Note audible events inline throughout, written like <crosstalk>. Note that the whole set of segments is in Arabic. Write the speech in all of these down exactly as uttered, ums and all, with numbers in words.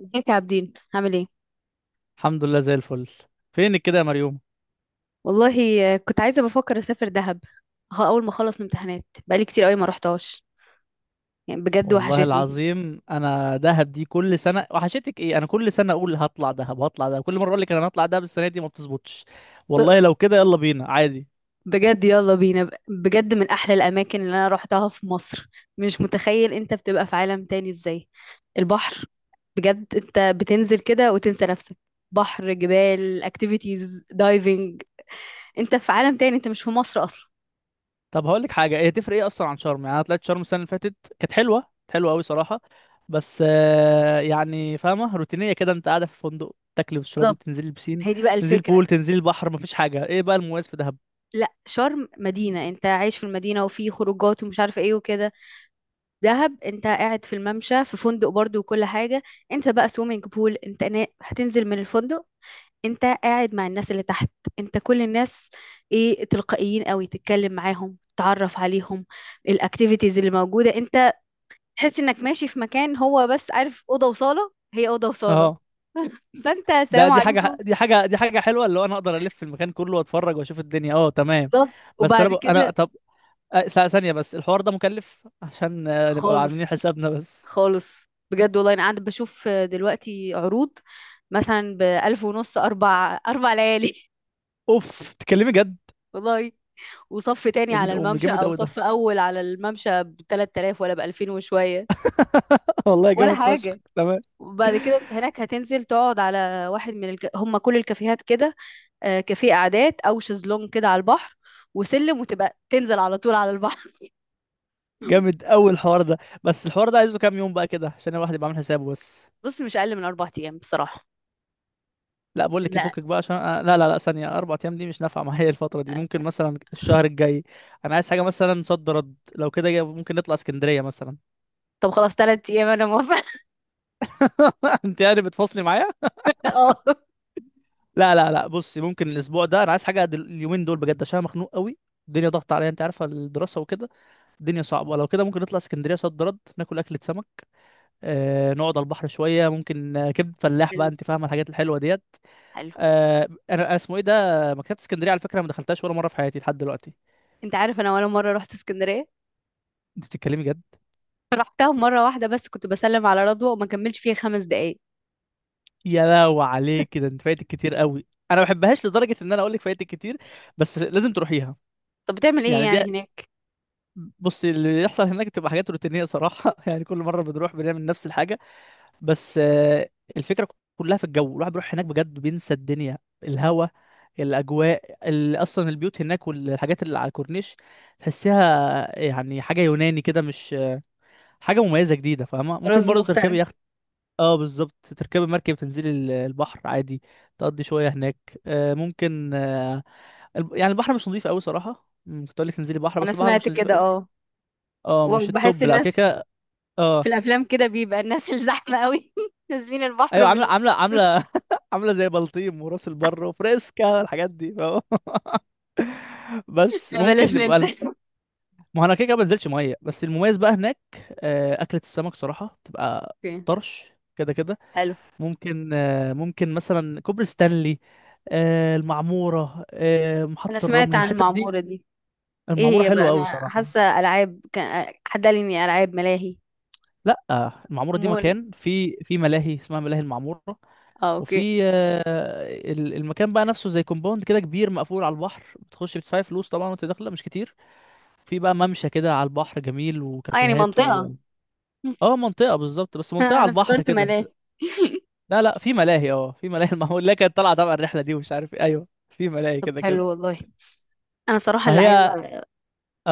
ازيك يا عابدين، عامل ايه؟ الحمد لله زي الفل. فينك كده يا مريوم؟ والله، آه، كنت عايزه، بفكر اسافر دهب. ها، اول ما اخلص الامتحانات بقالي كتير قوي ما روحتهاش. يعني بجد والله وحشتني. العظيم انا دهب دي كل سنه وحشتك ايه، انا كل سنه اقول هطلع دهب هطلع دهب، كل مره اقول لك انا هطلع دهب السنه دي ما بتظبطش. ب- والله لو كده يلا بينا عادي. بجد يلا بينا، ب- بجد من احلى الاماكن اللي انا روحتها في مصر. مش متخيل انت بتبقى في عالم تاني ازاي. البحر. بجد انت بتنزل كده وتنسى نفسك. بحر، جبال، اكتيفيتيز، دايفنج. انت في عالم تاني، انت مش في مصر اصلا. طب هقول لك حاجه، هي تفرق ايه اصلا عن شرم؟ يعني انا طلعت شرم السنه اللي فاتت، كانت حلوه كانت حلوه قوي صراحه. بس آه، يعني فاهمه روتينيه كده، انت قاعده في فندق تاكلي وتشربي بالظبط. تنزلي البسين هي دي بقى تنزلي الفكره. البول تنزلي البحر، مفيش حاجه. ايه بقى المميز في دهب؟ لا، شرم مدينه، انت عايش في المدينه وفي خروجات ومش عارفه ايه وكده. دهب انت قاعد في الممشى في فندق برضو وكل حاجة. انت بقى سويمنج بول، انت نا... هتنزل من الفندق. انت قاعد مع الناس اللي تحت. انت كل الناس. ايه، تلقائيين قوي، تتكلم معاهم، تعرف عليهم. الاكتيفيتيز اللي موجودة، انت تحس انك ماشي في مكان، هو بس عارف أوضة وصالة، هي أوضة وصالة. اه، فانت ده السلام دي حاجة عليكم. دي حاجة دي حاجة حلوة، اللي هو انا اقدر الف في المكان كله واتفرج واشوف الدنيا. اه تمام. بالظبط، بس انا وبعد ب... انا كده. طب، آه، ث- ثانية بس. الحوار ده مكلف، عشان آه، نبقى عاملين خالص. حسابنا بس. خالص بجد، والله انا قاعدة بشوف دلوقتي عروض. مثلا بألف ونص، أربع أربع ليالي. اوف، تكلمي جد؟ <laughs> والله. وصف تاني يا دين على امي، الممشى جامد او قوي صف ده. اول على الممشى ب تلات آلاف ولا ب ألفين وشويه. <laughs> والله ولا جامد فشخ حاجه. تمام. وبعد كده انت هناك هتنزل تقعد على واحد من الك... هم، كل الكافيهات كده. آه، كافيه قعدات او شезлونج كده على البحر. وسلم وتبقى تنزل على طول على البحر. جامد قوي الحوار ده. بس الحوار ده عايزه كام يوم بقى كده، عشان الواحد يبقى عامل حسابه بس؟ <laughs> بص مش اقل من اربع ايام بصراحه. لا، بقول لك لا. يفكك بقى، عشان آه، لا لا لا ثانية، أربع أيام دي مش نافعة معايا، الفترة دي ممكن مثلا الشهر الجاي. أنا عايز حاجة مثلا صد رد، لو كده ممكن نطلع اسكندرية مثلا. طب خلاص، تلات ايام انا موافقه. <laughs> انت يعني بتفصلي معايا؟ <laughs> اه. لا لا لا، بصي، ممكن الاسبوع ده، انا عايز حاجه دل- اليومين دول بجد، عشان انا مخنوق قوي. الدنيا ضغط عليا، انت عارفه الدراسه وكده. الدنيا صعبه. لو كده ممكن نطلع اسكندريه صد رد، ناكل اكله سمك، آه نقعد على البحر شويه، ممكن آه، كبد فلاح بقى، حلو. انت فاهمه الحاجات الحلوه ديت. حلو. آه، انا أنا اسمه ايه ده، مكتبه اسكندريه على فكره ما دخلتهاش ولا مره في حياتي لحد دلوقتي. انت عارف، انا ولا مره رحت اسكندريه. انت بتتكلمي جد؟ رحتها مره واحده، بس كنت بسلم على رضوى وما كملش فيها خمس دقايق. يا لو عليك كده، انت فايتك كتير قوي. انا ما بحبهاش، لدرجه ان انا اقول لك فايتك كتير، بس لازم تروحيها. طب بتعمل ايه يعني دي، يعني هناك؟ بص اللي يحصل هناك، بتبقى حاجات روتينية صراحة. <laughs> يعني كل مرة بنروح بنعمل نفس الحاجة. بس آه، الفكرة كلها في الجو. الواحد بيروح هناك بجد بينسى الدنيا. الهوا، الأجواء، ال- أصلا البيوت هناك والحاجات اللي على الكورنيش، تحسيها يعني حاجة يوناني كده، مش حاجة مميزة جديدة فاهمة. ممكن طراز برضه تركبي مختلف. يخت. اه بالظبط، تركبي مركب تنزلي ال- البحر عادي، تقضي شوية هناك، آه، ممكن آه، الب- يعني البحر مش نظيف قوي صراحة. مم، كنت أقول لك تنزلي بحر انا بس البحر سمعت مش نظيف كده، قوي. اه. اه مش وبحس التوب لا، كده الناس كده. في اه الافلام كده بيبقى الناس الزحمه قوي، <laughs> نازلين البحر ايوه، عامله بال... عامله عامله <laughs> عامله زي بلطيم وراس البر وفريسكا، الحاجات دي فاهم؟ <laughs> بس لا، ممكن بلاش نبقى الم... ننزل. ما هو انا كده كده ما بنزلش ميه. بس المميز بقى هناك، آه، اكله السمك صراحه بتبقى اوكي. طرش كده كده. حلو. ممكن آه، ممكن مثلا كوبري ستانلي، آه، المعموره، آه، انا محطه سمعت الرمل، عن الحتت دي. المعموره دي. ايه المعموره هي بقى؟ حلوه قوي انا صراحه. حاسه العاب، كان حد قال لي اني العاب ملاهي. لا، المعموره دي مول. مكان في في ملاهي، اسمها ملاهي المعموره. اه، اوكي. وفي آه، ال- المكان بقى نفسه زي كومباوند كده كبير مقفول على البحر، بتخش بتدفعي فلوس طبعا وانت داخله مش كتير. في بقى ممشى كده على البحر جميل اه، يعني وكافيهات و... منطقه. <laughs> اه منطقه، بالظبط، بس منطقه على انا البحر افتكرت كده. ملاهي. لا لا، في ملاهي، اه في ملاهي. <laughs> المعمول، لا كانت طالعه تبع الرحله دي ومش عارف ايه، ايوه في ملاهي طب كده كده. حلو والله. انا صراحه اللي فهي عايزه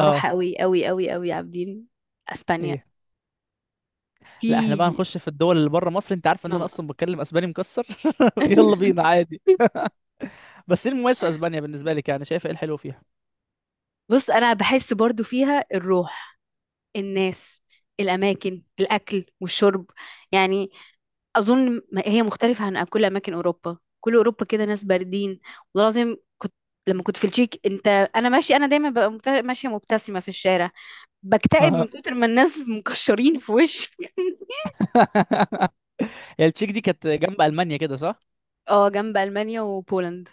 اروح قوي قوي قوي قوي، عابدين، اسبانيا. ايه؟ لا احنا بقى في. هنخش في الدول اللي بره مصر؟ انت عارف <laughs> ان انا نعم. اصلا بتكلم اسباني مكسر. <laughs> يلا بينا عادي. بس ايه المميز في اسبانيا بالنسبه لك؟ يعني شايفه ايه الحلو فيها؟ بص، انا بحس برضو فيها الروح، الناس، الأماكن، الأكل والشرب، يعني. أظن ما- هي مختلفة عن كل أماكن أوروبا، كل أوروبا كده ناس باردين. وده لازم كنت. لما كنت في التشيك، أنت. أنا ماشي، أنا دايما ببقى مبت- ماشية مبتسمة في الشارع. بكتئب من اه. كتر ما الناس <laughs> مكشرين في وشي. <laughs> <laughs> هي التشيك دي كانت جنب المانيا كده، صح؟ اه، جنب ألمانيا وبولند.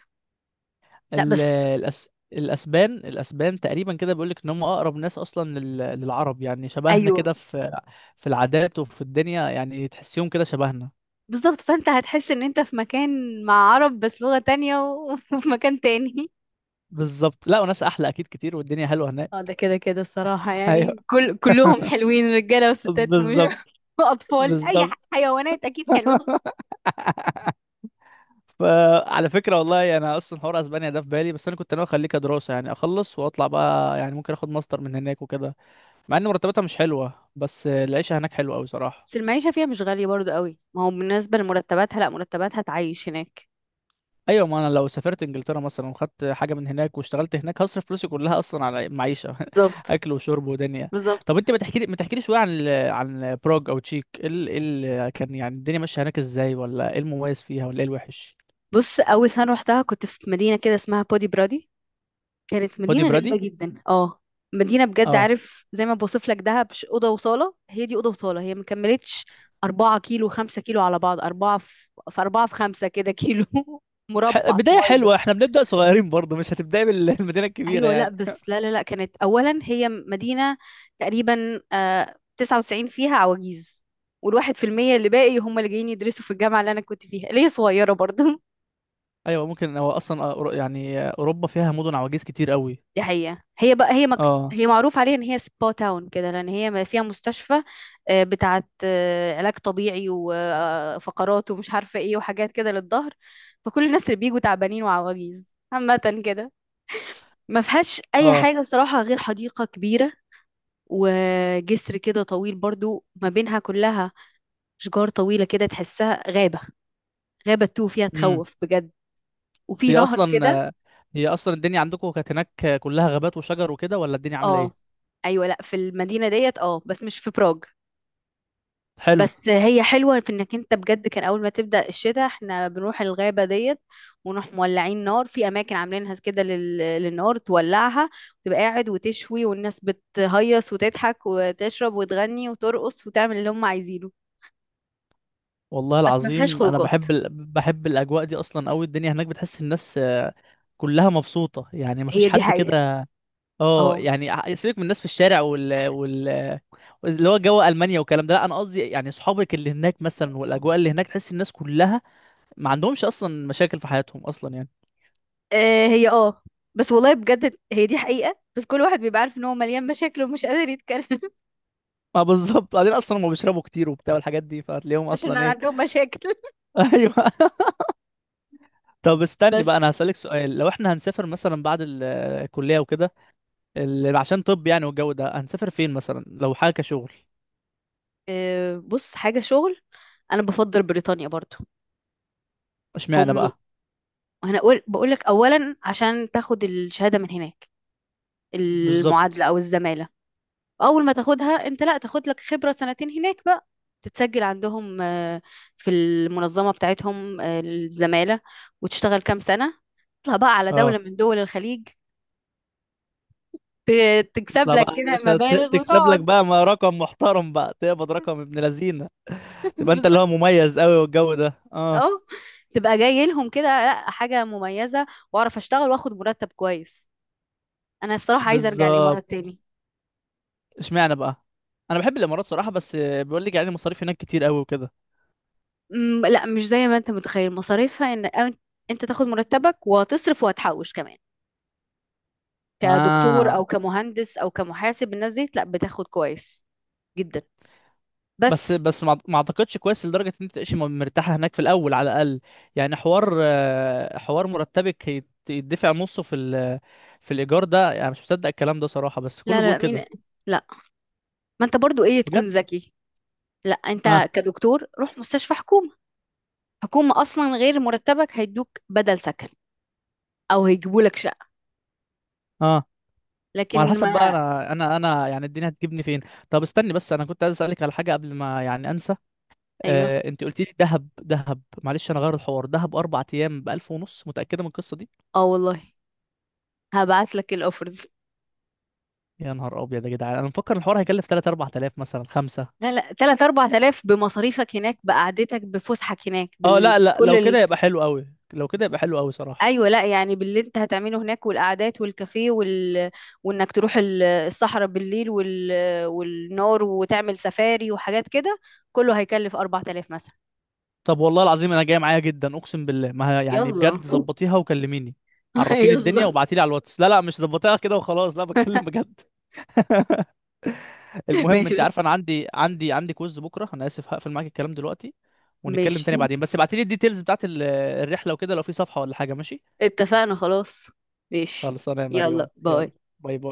لا ال... بس. الأس... الاسبان الاسبان تقريبا كده بيقول لك ان هم اقرب ناس اصلا لل... للعرب، يعني شبهنا أيوه. كده في في العادات وفي الدنيا، يعني تحسيهم كده شبهنا. بالظبط، فأنت هتحس إن أنت في مكان مع عرب بس لغة تانية، و- <laughs> وفي مكان تاني. بالظبط. لا وناس احلى اكيد كتير، والدنيا حلوه اه، هناك. ده كده كده <laughs> الصراحة، ايوه يعني كل كلهم حلوين، رجالة وستات ومش بالظبط <laughs> وأطفال، أي بالظبط. ح- حيوانات أكيد حلوة. <laughs> فعلى فكره والله انا اصلا حوار اسبانيا ده في بالي، بس انا كنت ناوي اخليه كدراسه، يعني اخلص واطلع بقى، يعني ممكن اخد ماستر من هناك وكده. مع ان مرتباتها مش حلوه بس العيشه هناك حلوه قوي صراحه. بس المعيشة فيها مش غالية برضو قوي، ما هو بالنسبة لمرتباتها، لا مرتباتها تعيش هناك. ايوه، ما انا لو سافرت انجلترا مثلا وخدت حاجه من هناك واشتغلت هناك، هصرف فلوسي كلها اصلا على معيشه. بالظبط. <laughs> اكل وشرب ودنيا. بالظبط. طب انت ما تحكي لي ما تحكي لي شويه عن ال- عن بروج او تشيك، ايه ال... إيه ال... كان يعني الدنيا ماشيه هناك ازاي، ولا ايه المميز فيها، ولا ايه الوحش؟ بص، أول سنة روحتها كنت في مدينة كده اسمها بودي برادي. كانت بودي مدينة برادي؟ غريبة جدا، اه. مدينة بجد، اه، عارف، زي ما بوصف لك دهب، ش- أوضة وصالة، هي دي أوضة وصالة هي مكملتش. أربعة كيلو، خمسة كيلو على بعض، أربعة في في أربعة في خمسة كده كيلو. <laughs> ح... مربع بدايه صغير. حلوه، احنا بنبدا صغيرين برضه، مش هتبداي بالمدينه <laughs> الكبيره ايوه، لا يعني. بس، لا لا لا، كانت اولا هي مدينه تقريبا آه تسعة وتسعين فيها عواجيز. والواحد في المية اللي باقي هم اللي جايين يدرسوا في الجامعه اللي انا كنت فيها، اللي هي صغيره برضه. ايوه. ممكن هو اصلا أ- أورو- يعني اوروبا فيها مدن عواجيز كتير <laughs> قوي. دي حقيقه، هي بقى، هي مك... اه. هي معروف عليها ان هي سبا تاون كده، لان هي ما فيها مستشفى، آه، بتاعت آه، علاج طبيعي وفقرات ومش عارفه ايه وحاجات كده للظهر. فكل الناس اللي بيجوا تعبانين وعواجيز. عامه كده. ما فيهاش اي اه. حاجه صراحه غير حديقه كبيره، وجسر كده طويل برضو ما بينها كلها، شجار طويلة كده تحسها غابة. غابة تو فيها، تخوف بجد. وفي هي نهر اصلا كده. هي اصلا الدنيا عندكم كانت هناك كلها غابات وشجر وكده، ولا الدنيا عامله اه. ايه؟ ايوه، لا في المدينة ديت، اه، بس مش في براغ. حلو. بس هي حلوة في انك انت بجد كان اول ما تبدأ الشتاء احنا بنروح الغابة ديت. ونروح مولعين نار في اماكن عاملينها كده لل... للنار تولعها. وتبقى قاعد وتشوي والناس بتهيص وتضحك وتشرب وتغني وترقص وتعمل اللي هم عايزينه. والله بس ما فيهاش العظيم انا خروجات. بحب ال... بحب الاجواء دي اصلا قوي. الدنيا هناك بتحس الناس آه، كلها مبسوطه، يعني ما فيش هي دي حد حقيقة. كده. اه، اه. يعني ع- سيبك من الناس في الشارع وال... وال... اللي هو جو المانيا والكلام ده، لا انا قصدي يعني اصحابك اللي هناك مثلا والاجواء اللي هناك، تحس الناس كلها ما عندهمش اصلا مشاكل في حياتهم اصلا يعني. آه هي اه. بس والله بجد هي دي حقيقة، بس كل واحد بيبقى عارف ان هو مليان مشاكل ومش قادر يتكلم. <laughs> ما بالظبط، بعدين اصلا هم بيشربوا كتير وبتاع الحاجات دي، فهتلاقيهم عشان اصلا ايه. عندهم مشاكل. <laughs> ايوه. طب استني بس. بقى، انا هسألك سؤال. لو احنا هنسافر مثلا بعد ال- الكلية وكده، ال- عشان طب يعني والجو ده، هنسافر فين مثلا لو حاجة كشغل؟ آه بص، حاجة شغل، انا بفضل بريطانيا برضو. اشمعنى هم بقى؟ انا اقول بقول لك اولا عشان تاخد الشهادة من هناك، المعادلة بالظبط. او الزمالة. اول ما تاخدها انت، لا تاخد لك خبرة سنتين هناك بقى. تتسجل عندهم، آه، في المنظمة بتاعتهم، آه، الزمالة. وتشتغل كام سنة. تطلع بقى على اه دولة من دول الخليج. ت- تكسب تطلع لك بقى يا كده باشا، ت- مبالغ تكسب لك وتقعد. بقى ما رقم محترم بقى، تقبض رقم ابن لذينه. <laughs> تبقى انت اللي بالظبط. هو مميز قوي، والجو ده اه. اه. تبقى جاي لهم كده، لا حاجة مميزة، واعرف اشتغل واخد مرتب كويس. انا الصراحة عايزة ارجع بالظبط. الامارات تاني. اشمعنى بقى؟ انا بحب الامارات صراحة، بس بيقول لك يعني المصاريف هناك كتير قوي وكده. أمم، لا، مش زي ما انت متخيل مصاريفها، ان أن- انت تاخد مرتبك وتصرف وهتحوش كمان. كدكتور اه. او كمهندس او كمحاسب، الناس دي لا بتاخد كويس جدا. بس بس. بس ما ما اعتقدش كويس لدرجه ان انت تعيش م- مرتاحه هناك في الاول على الاقل. يعني حوار آه، حوار مرتبك يت- يدفع نصه في ال- في الايجار ده، يعني مش مصدق الكلام ده صراحه، بس كله لا، بيقول لا لا، مين؟ كده. لا. ما انت برضو ايه، بجد. تكون ذكي. لا اه. انت كدكتور، روح مستشفى حكومة. حكومة اصلا غير مرتبك هيدوك بدل سكن، او هيجيبوا لك شقة. اه وعلى لكن حسب بقى، ما. انا انا انا يعني الدنيا هتجيبني فين. طب استني بس، انا كنت عايز اسالك على حاجه قبل ما يعني انسى. ايوه، آه انت قلت لي دهب، دهب معلش انا غير الحوار، دهب اربع ايام ب ألف ونص، متاكده من القصه دي؟ اه والله، هبعت لك الاوفرز. يا نهار ابيض يا جدعان، انا مفكر الحوار هيكلف ثلاثة أربعة تلاف مثلا خمسة. لا لا، ثلاثة اربعة آلاف بمصاريفك هناك، بقعدتك، بفسحك هناك، اه لا لا، بكل لو ال... كده يبقى حلو قوي. لو كده يبقى حلو قوي صراحة. ايوه. لا يعني باللي انت هتعمله هناك، والقعدات والكافيه وال... وانك تروح ال- الصحراء بالليل وال... والنار وتعمل سفاري وحاجات كده. كله هيكلف اربعة آلاف مثلا. طب والله العظيم انا جاي معايا جدا، اقسم بالله. ما هي، يعني يلا. بجد ظبطيها وكلميني، <laughs> عرفيني الدنيا يلا. وابعتيلي على الواتس. لا لا، مش ظبطيها كده وخلاص، لا <laughs> بتكلم بجد. <laughs> المهم ماشي انت بس. عارف انا عندي عندي عندي كوز بكرة، انا اسف هقفل معاك الكلام دلوقتي، ونتكلم ماشي. تاني بعدين. بس ابعتيلي الديتيلز بتاعت ال- الرحلة وكده، لو في صفحة ولا حاجة، ماشي؟ اتفقنا خلاص. ماشي. خلاص انا يا مريم، يلا، يلا. باي. باي باي.